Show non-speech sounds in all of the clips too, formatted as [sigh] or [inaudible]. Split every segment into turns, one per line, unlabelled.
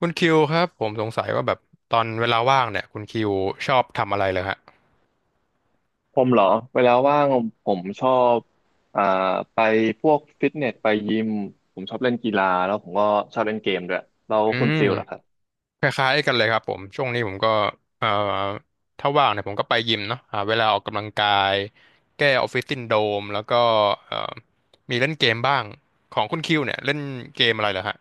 คุณคิวครับผมสงสัยว่าแบบตอนเวลาว่างเนี่ยคุณคิวชอบทำอะไรเลยฮะ
ผมเหรอเวลาว่างผมชอบอ่าไปพวกฟิตเนสไปยิมผมชอบเล่นกีฬาแล้วผมก็ชอบเล่นเกมด้วยแล้ว
อื
คุณ
ม
ฟิลล่ะครับ
คล้ายๆกันเลยครับผมช่วงนี้ผมก็เอ่อถ้าว่างเนี่ยผมก็ไปยิมเนาะหาเวลาออกกำลังกายแก้ออฟฟิศซินโดรมแล้วก็เอ่อมีเล่นเกมบ้างของคุณคิวเนี่ยเล่นเกมอะไรเหรอฮะ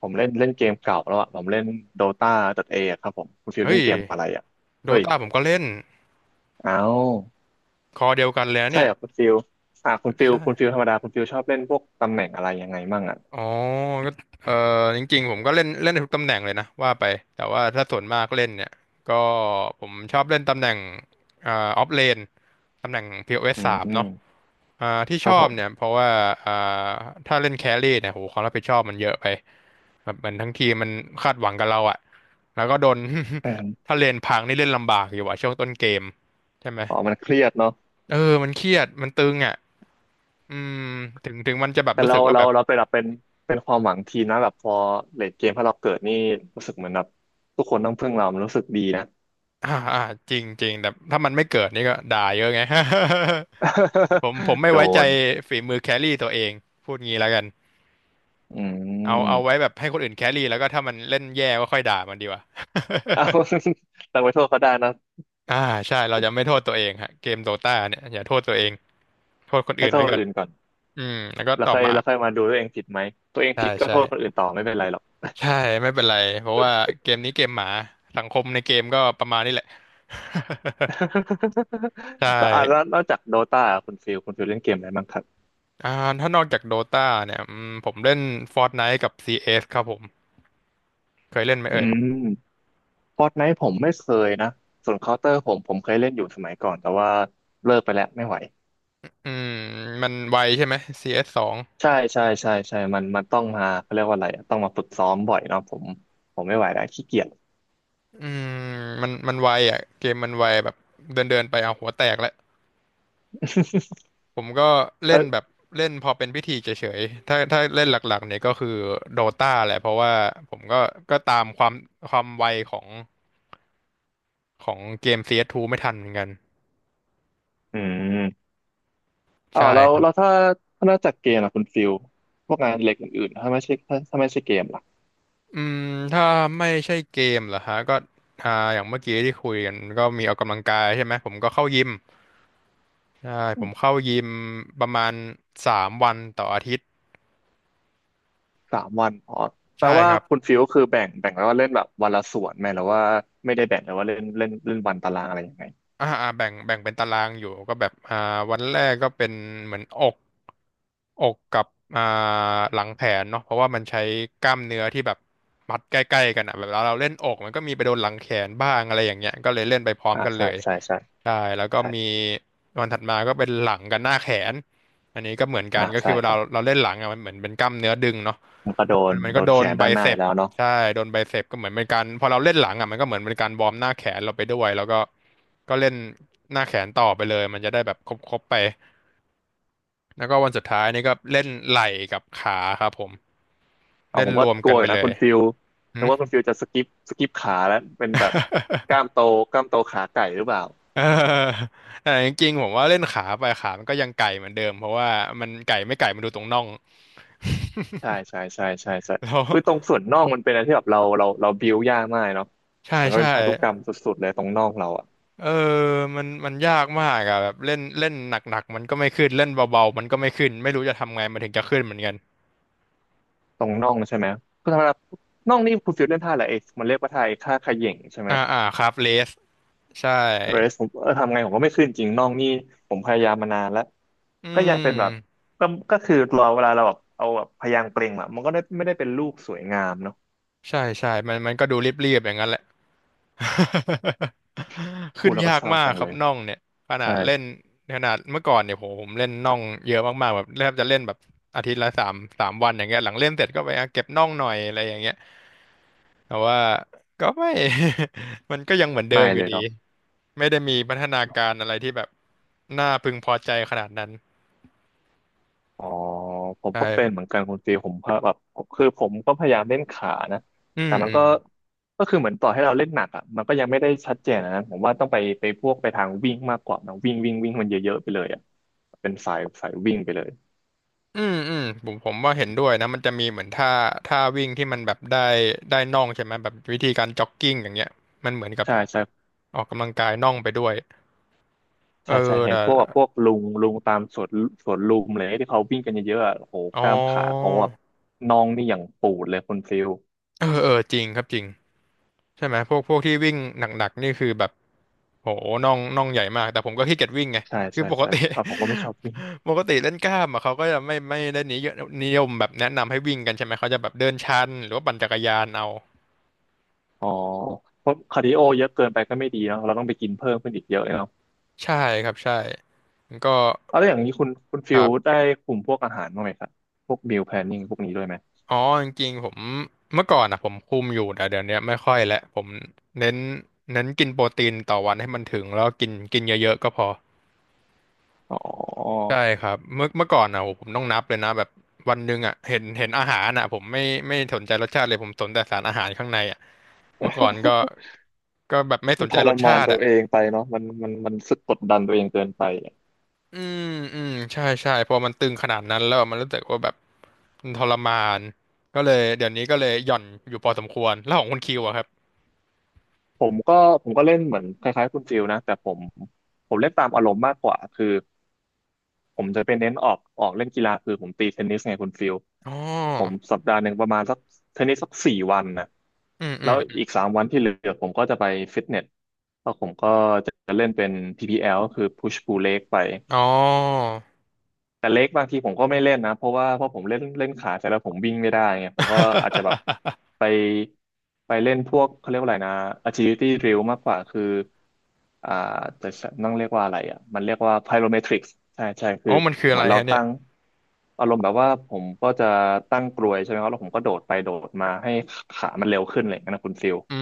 ผมเล่นเล่นเกมเก่าแล้วอ่ะผมเล่นโดตาดเอครับผมคุณฟิล
เฮ้
เล่
ย
นเกมอะไรอ่ะ
โด
เฮ้ย
ตาผมก็เล่น
อ้าว
คอเดียวกันเลยนะ
ใช่
เนี่ย
เหรอคุณฟิลอ่าคุณฟิล
ใช่
ธรรมดาคุณฟิลชอบเล่นพวกตำแหน่งอะไรยังไงมั่งอ่ะ
อ๋อก็เออจริงๆผมก็เล่นเล่นได้ทุกตำแหน่งเลยนะว่าไป แต่ว่าถ้าส่วนมากเล่นเนี่ย ก็ผมชอบเล่นตำแหน่งอ่าออฟเลนตำแหน่ง POS ส
อื
สา
ม
ม
อืม
เนาะที่
ค
ช
รั
อ
บผ
บเนี่ย
ม
เพราะว่าอ่าถ้าเล่นแครี่เนี่ยโหความรับผิดชอบมันเยอะไปแบบเหมันทั้งทีมมันคาดหวังกับเราอะแล้วก็โดน
ดังนั้น
[laughs] ถ้าเลนพังนี่เล่นลำบากอยู่อะช่วงต้นเกมใช่ไหม
อ๋อมันเครียดเนาะ
เออมันเครียดมันตึงอะอืมถึงมันจะแบบ
แต่
รู้
เรา
สึกว่า
เรา
แบบ
เราเป็นแบบเป็นความหวังทีมนะแบบพอเลทเกมถ้าเราเกิดนี่รู้สึกเหมือนแบบทุกคนต้องพึ่งเรามันรู้สึกดีนะ
อ่าอ่าจริงจริงแต่ถ้ามันไม่เกิดนี่ก็ด่าเยอะไง [laughs] ผม
[laughs]
ไม่
โด
ไว้ใจ
น
ฝีมือแครี่ตัวเองพูดงี้แล้วกัน
อื
เอา
ม
เอาไว้แบบให้คนอื่นแครี่แล้วก็ถ้ามันเล่นแย่ก็ค่อยด่ามันดีกว่า
[laughs] เอาเราไปโทษเขาได้นะ
[laughs] อ่าใช่เราจะไม่โทษตัวเองฮะเกมโดตาเนี่ยอย่าโทษตัวเองโทษคน
ให้
อื่น
โทษ
ไว้
ค
ก่
น
อน
อื่นก่อน
อืมแล้วก็
แล้ว
ต่อ
ค่อย
มา
แล้วค่อยมาดูตัวเองผิดไหมตัวเอง
ใช่
ผิดก็
ใช่
โทษคนอื่นต่อไม่เป็นไรหรอก
ใช่ไม่เป็นไรเพราะว่าเกมนี้เกมหมาสังคมในเกมก็ประมาณนี้แหละ [laughs] ใช่
[laughs] แล้วอ่ะแล้วนอกจากโดตาคุณฟิลเล่นเกมอะไรบ้างครับ
อ่าถ้านอกจากโดตาเนี่ยอืมผมเล่น Fortnite กับ CS ครับผม เคยเล่นไหม
อื
เอ่ย
มฟอร์ตไนท์ผมไม่เคยนะส่วนเคาน์เตอร์ผมเคยเล่นอยู่สมัยก่อนแต่ว่าเลิกไปแล้วไม่ไหว
อืมมันไวใช่ไหม CS สสอง
ใช่ใช่ใช่ใช่มันต้องมาเขาเรียกว่าอะไรอะต้องมาฝึกซ้อมบ่อยเนาะผมไม่ไหวแล้วขี้เกียจ
อืมมันไวอ่ะเกมมันไวแบบเดินเดินไปเอาหัวแตกแล้ว
[laughs]
ผมก็เล่
เอ
น
อ
แบบเล่นพอเป็นพิธีเฉยๆถ้าเล่นหลักๆเนี่ยก็คือโดตาแหละเพราะว่าผมก็ก็ตามความไวของเกม CS2 ไม่ทันเหมือนกัน
อืมอ๋อ
ใช่
เรา
ครับ
เราถ้าถ้านอกจากเกมอะคุณฟิลพวกงานอดิเล็กอื่นๆถ้าไม่ใช่ถ้าไม่ใช่เกมล่ะ
อืมถ้าไม่ใช่เกมเหรอฮะก็อ่าอย่างเมื่อกี้ที่คุยกันก็มีออกกำลังกายใช่ไหมผมก็เข้ายิม ใช่
อื
ผม
ม
เข้ายิมประมาณสามวันต่ออาทิตย์
สามวันอ๋อแปล
ใช่
ว่า
ครับ
คุณฟิลก็คือแบ่งไว้ว่าเล่นแบบวันละส่วนไหมหรือว่าไม่ได้แบ่งเลยว่าเล่นเล่นเล่นวันตารางอะไรยังไง
อ่าอ่าแบ่งเป็นตารางอยู่ก็แบบอ่าวันแรกก็เป็นเหมือนอกอกกับอ่าหลังแขนเนาะเพราะว่ามันใช้กล้ามเนื้อที่แบบมัดใกล้ๆกันอ่ะแบบเราเล่นอกมันก็มีไปโดนหลังแขนบ้างอะไรอย่างเงี้ยก็เลยเล่นไปพร้อม
อ่า
กันเล
ใช่
ย
ใช่ใช่
ใช่แล้วก็
ใช่
มีวันถัดมาก็เป็นหลังกับหน้าแขนอันนี้ก็เหมือนกั
อ่า
นก็คื
ใช่
อเว
ค
ลา
รับ
เราเล่นหลังอ่ะมันเหมือนเป็นกล้ามเนื้อดึงเนาะ
ผมก็โด
มั
น
นมัน
โด
ก็
น
โด
แข
น
น
ไบ
ด้านหน้า
เซ
อีก
ป
แล้วเนาะ
ใช่โดนไบเซปก็เหมือนเป็นการพอเราเล่นหลังอ่ะมันก็เหมือนเป็นการวอร์มหน้าแขนเราไปด้วยแล้วก็ก็เล่นหน้าแขนต่อไปเลยมันจะได้แบบครบๆไปแล้วก็วันสุดท้ายนี่ก็เล่นไหล่กับขาครับผม
เอา
เล่
ผ
น
ม
ร
ก็
วม
กลั
กั
ว
น
อ
ไป
ยู่
เล
นะคุ
ย
ณฟิลนึ
หึ
กว่าคุณฟิลจะสกิปขาแล้วเป็นแบบกล้าม
[laughs]
โตกล้ามโตขาไก่หรือเปล่า
เออ [laughs] แต่จริงๆผมว่าเล่นขาไปขามันก็ยังไก่เหมือนเดิมเพราะว่ามันไก่ไม่ไก่มันดูตรงน่อง
[laughs] ใช่ใช่ใช่ใช่ใช่
[laughs] แล้ว
คือตรงส่วนน่องมันเป็นอะไรที่แบบเราบิวยากมากเนาะ
ใช่
มันก็
ใช่
เป็นพันธุกรรมสุดๆเลยตรงน่องเราอะ
เออมันมันยากมากอะแบบเล่นเล่นหนักๆมันก็ไม่ขึ้นเล่นเบาๆมันก็ไม่ขึ้นไม่รู้จะทำไงมันถึงจะขึ้นเหมือนกัน
ตรงน่องใช่ไหมคือธรรมดาน่องนี่คุณฟิลเล่นท่าอะไรเอกมันเรียกว่าท่าไอ้ท่าเขย่งใช่ไหม
อ่าอ่าครับเลสใช่
เรสผมเออทำไงผมก็ไม่ขึ้นจริงน่องนี่ผมพยายามมานานแล้ว
อื
ก็ยังเป็นแบบ
ม
ก็ก็คือรอเวลาเราแบบเอาแบบพยางค์เปล่งอะมันก็ได้ไม่ได้เป็นลูกสวยงามเนาะ
ใช่ใช่มันก็ดูเรียบๆอย่างนั้นแหละ [laughs]
พู
ขึ้
ด
น
แล้วก็
ยาก
เศร้า
มาก
จัง
ครั
เล
บ
ย
น่องเนี่ยขนา
ใช่
ดเล่นขนาดเมื่อก่อนเนี่ยผมเล่นน่องเยอะมากๆแบบแทบจะเล่นแบบอาทิตย์ละสามวันอย่างเงี้ยหลังเล่นเสร็จก็ไปอ่ะเก็บน่องหน่อยอะไรอย่างเงี้ยแต่ว่าก็ไม่ [laughs] มันก็ยังเหมือนเดิ
ไม่
มอ
เล
ยู่
ย
ดี
เนาะ
ไม่ได้มีพัฒนาการอะไรที่แบบน่าพึงพอใจขนาดนั้น
อ๋อผมก็เป็นเห
ใช่
มือนกันคุณตีผมก็แบบคือผมก็พยายามเล่นขานะ
อื
แต่
ม
มัน
อืม
ก็ก็คือเหมือนต่อให้เราเล่นหนักอ่ะมันก็ยังไม่ได้ชัดเจนอะนะผมว่าต้องไปไปพวกไปทางวิ่งมากกว่านะวิ่งวิ่งวิ่งมันเยอะๆไปเลยอ่ะเป็นสายสายวิ่งไปเลย
อืมอืมผมว่าเห็นด้วยนะมันจะมีเหมือนท่าวิ่งที่มันแบบได้น่องใช่ไหมแบบวิธีการจ็อกกิ้งอย่างเงี้ย มันเหมือนกับ
ใช่ใช่
ออกกำลังกายน่องไปด้วย เออ
ใช่ใช่เห็
แต่
นพวกแบบพวกลุงลุงตามสวนสวนลุมเลยที่เขาวิ่งกันเยอะๆอะโอ้โห
อ๋
ก
อ
ล้ามขาเขาแบบน่องนี่อย่างปูดเลยคุณฟิล
เออจริงครับจริง ใช่ไหมพวกที่วิ่งหนักๆนี่คือแบบโหน่องใหญ่มากแต่ผมก็ขี้เกียจวิ่งไง
ใช่
คือ
ใช่
ปก
ใช่
ติ
อ่ะผมก็ไม่ชอบวิ่ง
[laughs] ปกติเล่นกล้ามอะเขาก็จะไม่ได้นิยมแบบแนะนำให้วิ่งกันใช่ไหมเขาจะแบบเดินชันหรือว่าปั่นจักรยานเอา
อ๋อเพราะคาร์ดิโอเยอะเกินไปก็ไม่ดีเนาะเราต้องไปกินเพิ่มขึ้นอีกเยอะเลยเนาะ
ใช่ครับใช่ก็
เอาแล้วอย่างนี้คุณคุณ
ค
ฟิ
รั
ล
บ
ได้คุมพวกอาหารบ้างไหมครับพวกมิลแพลนนิ่งพวกนี้ด้วยไหม
อ๋อจริงๆผมเมื่อก่อนอ่ะผมคุมอยู่แต่เดี๋ยวนี้ไม่ค่อยแล้วผมเน้นเน้นกินโปรตีนต่อวันให้มันถึงแล้วกินกินเยอะๆก็พอ
อ๋อ
ใช่ครับเมื่อก่อนนะโหผมต้องนับเลยนะแบบวันหนึ่งอ่ะเห็นอาหารอ่ะผมไม่สนใจรสชาติเลยผมสนแต่สารอาหารข้างในอ่ะเมื่อก่อนก็
[laughs]
ก็แบบไม่ส
มัน
น
ท
ใจ
ร
รส
มาน
ชาติ
ตัว
อ่ะ
เองไปเนาะมันรู้สึกกดดันตัวเองเกินไป
อืมอืมใช่ใช่พอมันตึงขนาดนั้นแล้วมันรู้สึกว่าแบบมันทรมานก็เลยเดี๋ยวนี้ก็เลยหย่อนอยู่พอสมควรแล้วของคุณคิวอะครับ
ผมก็ผมก็เล่นเหมือนคล้ายๆคุณฟิลนะแต่ผมผมเล่นตามอารมณ์มากกว่าคือ ผมจะไปเน้นออกเล่นกีฬาคือผมตีเทนนิสไงคุณฟิล
อ๋อ
ผม1 สัปดาห์ประมาณสักเทนนิสสัก4 วันนะ
อืมอื
แล้
ม
ว
อ
อีก
ม
สามวันที่เหลือผมก็จะไปฟิตเนสแล้วผมก็จะเล่นเป็น PPL ก็คือ Push Pull Leg ไป
อ๋อ
แต่เล็กบางทีผมก็ไม่เล่นนะเพราะว่าเพราะผมเล่นเล่นขาแต่แล้วผมวิ่งไม่ได้ไงผมก็อาจจะแบบไปไปเล่นพวกเขาเรียกว่าอะไรนะ agility drill มากกว่าคืออ่าแต่ต้องเรียกว่าอะไรอ่ะมันเรียกว่า pyrometrics ใช่ใช่คื
อ๋
อ
อมันคือ
เห
อะ
มือ
ไร
นเรา
ฮะเนี่ย
ตั้งอารมณ์แบบว่าผมก็จะตั้งกลวยใช่ไหมครับแล้วผมก็โดดไปโดดมาให้ขามันเร็วขึ้นอะไรอย่างเงี้ยนะคุณฟิล
อื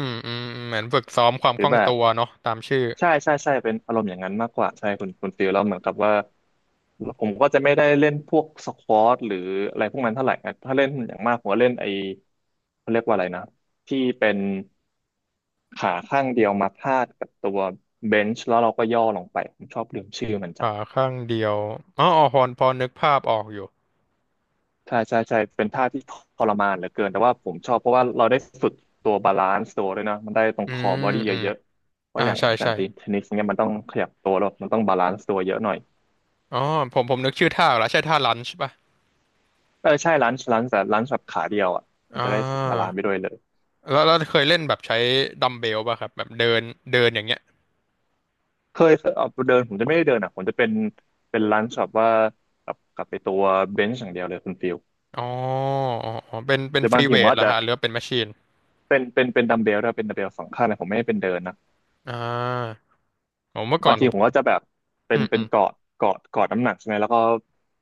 มอืมเหมือนฝึกซ้อมความ
หรื
ค
อ
ล่อง
แบบ
ตัวเนาะตามชื่อ
ใช่ใช่ใช่เป็นอารมณ์อย่างนั้นมากกว่าใช่คุณฟิลแล้วเหมือนกับว่าผมก็จะไม่ได้เล่นพวกสควอตหรืออะไรพวกนั้นเท่าไหร่นะถ้าเล่นอย่างมากผมก็เล่นไอเขาเรียกว่าอะไรนะที่เป็นขาข้างเดียวมาพาดกับตัวเบนช์แล้วเราก็ย่อลงไปผมชอบลืมชื่อมันจัง
ขาข้างเดียวอ๋ออ๋อพอนึกภาพออกอยู่
ใช่ใช่ใช่เป็นท่าที่ทรมานเหลือเกินแต่ว่าผมชอบเพราะว่าเราได้ฝึกตัวบาลานซ์ตัวด้วยนะมันได้ตรง
อื
คอ
ม
บอดี้
อืม
เยอะๆเพราะ
อ่า
อย่างอ
ใช่
อกแบบ
ใช่
ตีเทนนิสเนี่ยมันต้องขยับตัวแล้วมันต้องบาลานซ์ตัวเยอะหน่อย
อ๋อผมนึกชื่อท่าออกแล้วใช่ท่าลันช์ป่ะ
เออใช่ร้านแต่ร้านสับขาเดียวอ่ะมั
อ่
นจะได้บาลาน
า
ซ์ไปด้วยเลย
แล้วเคยเล่นแบบใช้ดัมเบลป่ะครับแบบเดินเดินอย่างเงี้ย
เคยเอาเดินผมจะไม่ได้เดินอ่ะผมจะเป็นเป็นร้านสับว่ากับไปตัวเบนช์อย่างเดียวเลยคุณฟิล
อ๋ออ๋ออ๋อ เป็น เป็
ห
น
รือ
ฟ
บา
รี
งที
เว
ผม
ท
ก็
เห
อา
ร
จ
อ
จะ
ฮะหรือว่าเป็นแมชชีน
เป็นดัมเบลด้วยเป็นดัมเบลสองข้างนะผมไม่ได้เป็นเดินนะ
อ่าผมเมื่อก่อ
บา
น
ง
ผ
ที
ม
ผมก็จะแบบเป็
อื
น
ม
เป็
อื
น
ม
เกาะเกาะน้ำหนักใช่ไหมแล้วก็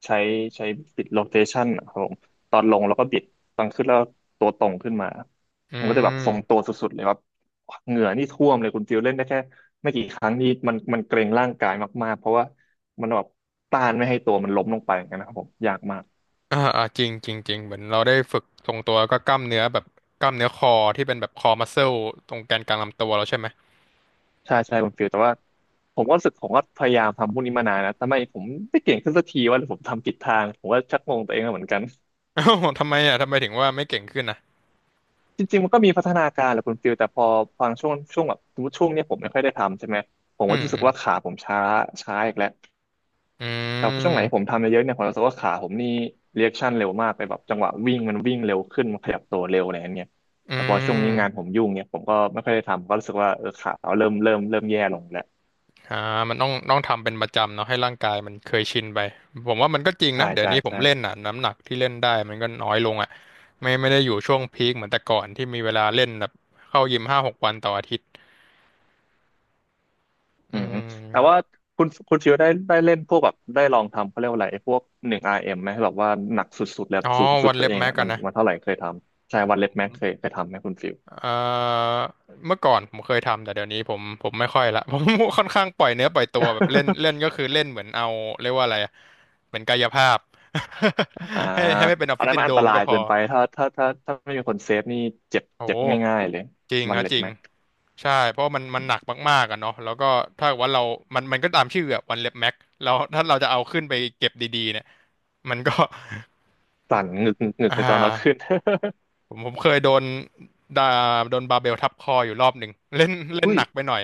ใช้ใช้บิดโรเทชันครับผมตอนลงแล้วก็บิดตอนขึ้นแล้วตัวตรงขึ้นมา
อื
ผมก็จะแบบทรงตัว
ม
สุดๆเลยว่าเหงื่อนี่ท่วมเลยคุณฟิลเล่นได้แค่ไม่กี่ครั้งนี่มันเกรงร่างกายมากๆเพราะว่ามันแบบต้านไม่ให้ตัวมันล้มลงไปอย่างนั้นนะครับผมยากมาก
อ่าจริงจริงจริงเหมือนเราได้ฝึกทรงตัวแล้วก็กล้ามเนื้อแบบกล้ามเนื้อคอที่เป็นแบบคอมัสเซลตรงแกนกลางลำตัวเราใช่ไหม
ใช่ใช่คุณฟิลแต่ว่าผมก็รู้สึกผมก็พยายามทำพวกนี้มานานนะทำไมผมไม่เก่งขึ้นสักทีว่าผมทำผิดทางผมก็ชักงงตัวเองเหมือนกัน
[laughs] อ้าวทำไมถึงว่าไม่เก่งขึ้นนะ
จริงๆมันก็มีพัฒนาการแหละคุณฟิลแต่พอฟังช่วงแบบสมมติช่วงเนี้ยผมไม่ค่อยได้ทำใช่ไหมผม
อื
ก็
ม
รู้
อื
สึก
ม
ว่าขาผมช้าช้าอีกแล้ว
อื
แต่พอช่วงไหนผม
ม
ทำเยอะๆเนี่ยผมรู้สึกว่าขาผมนี่เรียชั่นเร็วมากเลยแบบจังหวะวิ่งมันวิ่งเร็วขึ้นมันขยับตัวเร็วอะไรอย่างเงี้ย
อื
แต่พอช่วงนี้งานผ
ม
มยุ่งเนี่ยผมก็ไม่ค่อยได้ทำก็รู้สึกว่าเออขาเราเริ่มแย่ลงแล้ว
อ่ามันต้องทำเป็นประจำเนาะให้ร่างกายมันเคยชินไปผมว่ามันก็จริง
ใช่
นะเดี๋ยว
ใช่
นี้ผม
ใช่
เล่นอ่ะน้ำหนักที่เล่นได้มันก็น้อยลงอ่ะไม่ได้อยู่ช่วงพีคเหมือนแต่ก่อนที่มีเวลาเล่นแบบเข้ายิมห้าหกวันต่ออาทิตย์อื
อืมอืมแต่ว่า
ม
คุณชิวได้เล่นพวกแบบได้ลองทำเขาเรียกว่าอะไรไอ้พวกหนึ่งอาร์เอ็ m ไหมแบบว่าหนักสุดๆแล้ว
อ๋อ
สูงสุด
วัน
ตัว
เล็บ
เอง
แม็ก
อ่ะ
กั
มั
น
น
นะ
มันเท่าไหร่เคยทำใช่วันเล็บแม็กเคยทำไหมคุณฟิว
เอ่อเมื่อก่อนผมเคยทำแต่เดี๋ยวนี้ผม ผมไม่ค่อยละ [laughs] ผมค่อนข้างปล่อยเนื้อปล่อยตัวแบบเล่นเล่นก็คือเล่นเหมือนเอาเรียกว่าอะไรอะเหมือนกายภาพ
[laughs] อ่า
[laughs] ให้ไม่เป็นออฟ
อัน
ฟิศ
นั้น
ซิ
มั
น
น
โด
อั
ร
นต
ม
รา
ก็
ย
พอ
เกินไปถ้าไม่มีคนเซฟนี่เจ็บ
โ
เจ็บ
อ้
ง่ายๆเลย
จริง
วัน
ฮะ
เล็
จ
บ
ริง
แม็ก
ใช่เพราะมันมันหนักมากๆอะเนาะแล้วก็ถ้าเกิดว่าเรามันมันก็ตามชื่ออะวันเล็บแม็กแล้วถ้าเราจะเอาขึ้นไปเก็บดีๆเนี่ยมันก็
สั่นงึกงึกงึ
[laughs]
ก
อ่า
เลยตอนเอาขึ้น
ผมเคยโดนดาโดนบาร์เบลทับคออยู่รอบหนึ่งเล่น
[laughs]
เล่น
อุ้
ห
ย
นักไปหน่อย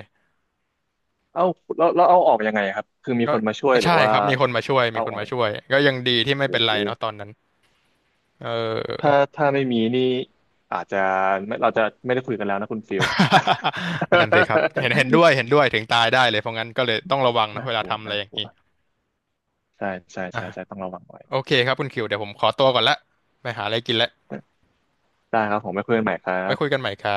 เอาแล้วเอาออกยังไงครับคือมี
ก็
คนมาช่วยหรื
ใช่
อว่า
ครับมีคนมาช่วยมี
เอา
ค
อ
น
อก
มา
เอง
ช่วยก็ยังดีที่ไม่เป็
โอ้
น
โห
ไรเนาะตอนนั้นเอ
ถ้า
อ
ถ้าไม่มีนี่อาจจะไม่เราจะไม่ได้คุยกันแล้วนะคุณฟิล [laughs]
[laughs] นั่นสิครับเห็นด้วยเห็นด้วยถึงตายได้เลยเพราะงั้นก็เลยต้องระวังนะ
น่า
เว
ก
ลา
ลัว
ทำอะไร
น่า
อย่า
ก
ง
ลัว
นี้
ใช่ใช่
อ่ะ
ใช่ใช่ต้องระวังไว้
โอเคครับคุณคิวเดี๋ยวผมขอตัวก่อนละไปหาอะไรกินละ
ได้ครับผมไปคุยกันใหม่ครั
ไว้คุยกั
บ
นใหม่ครั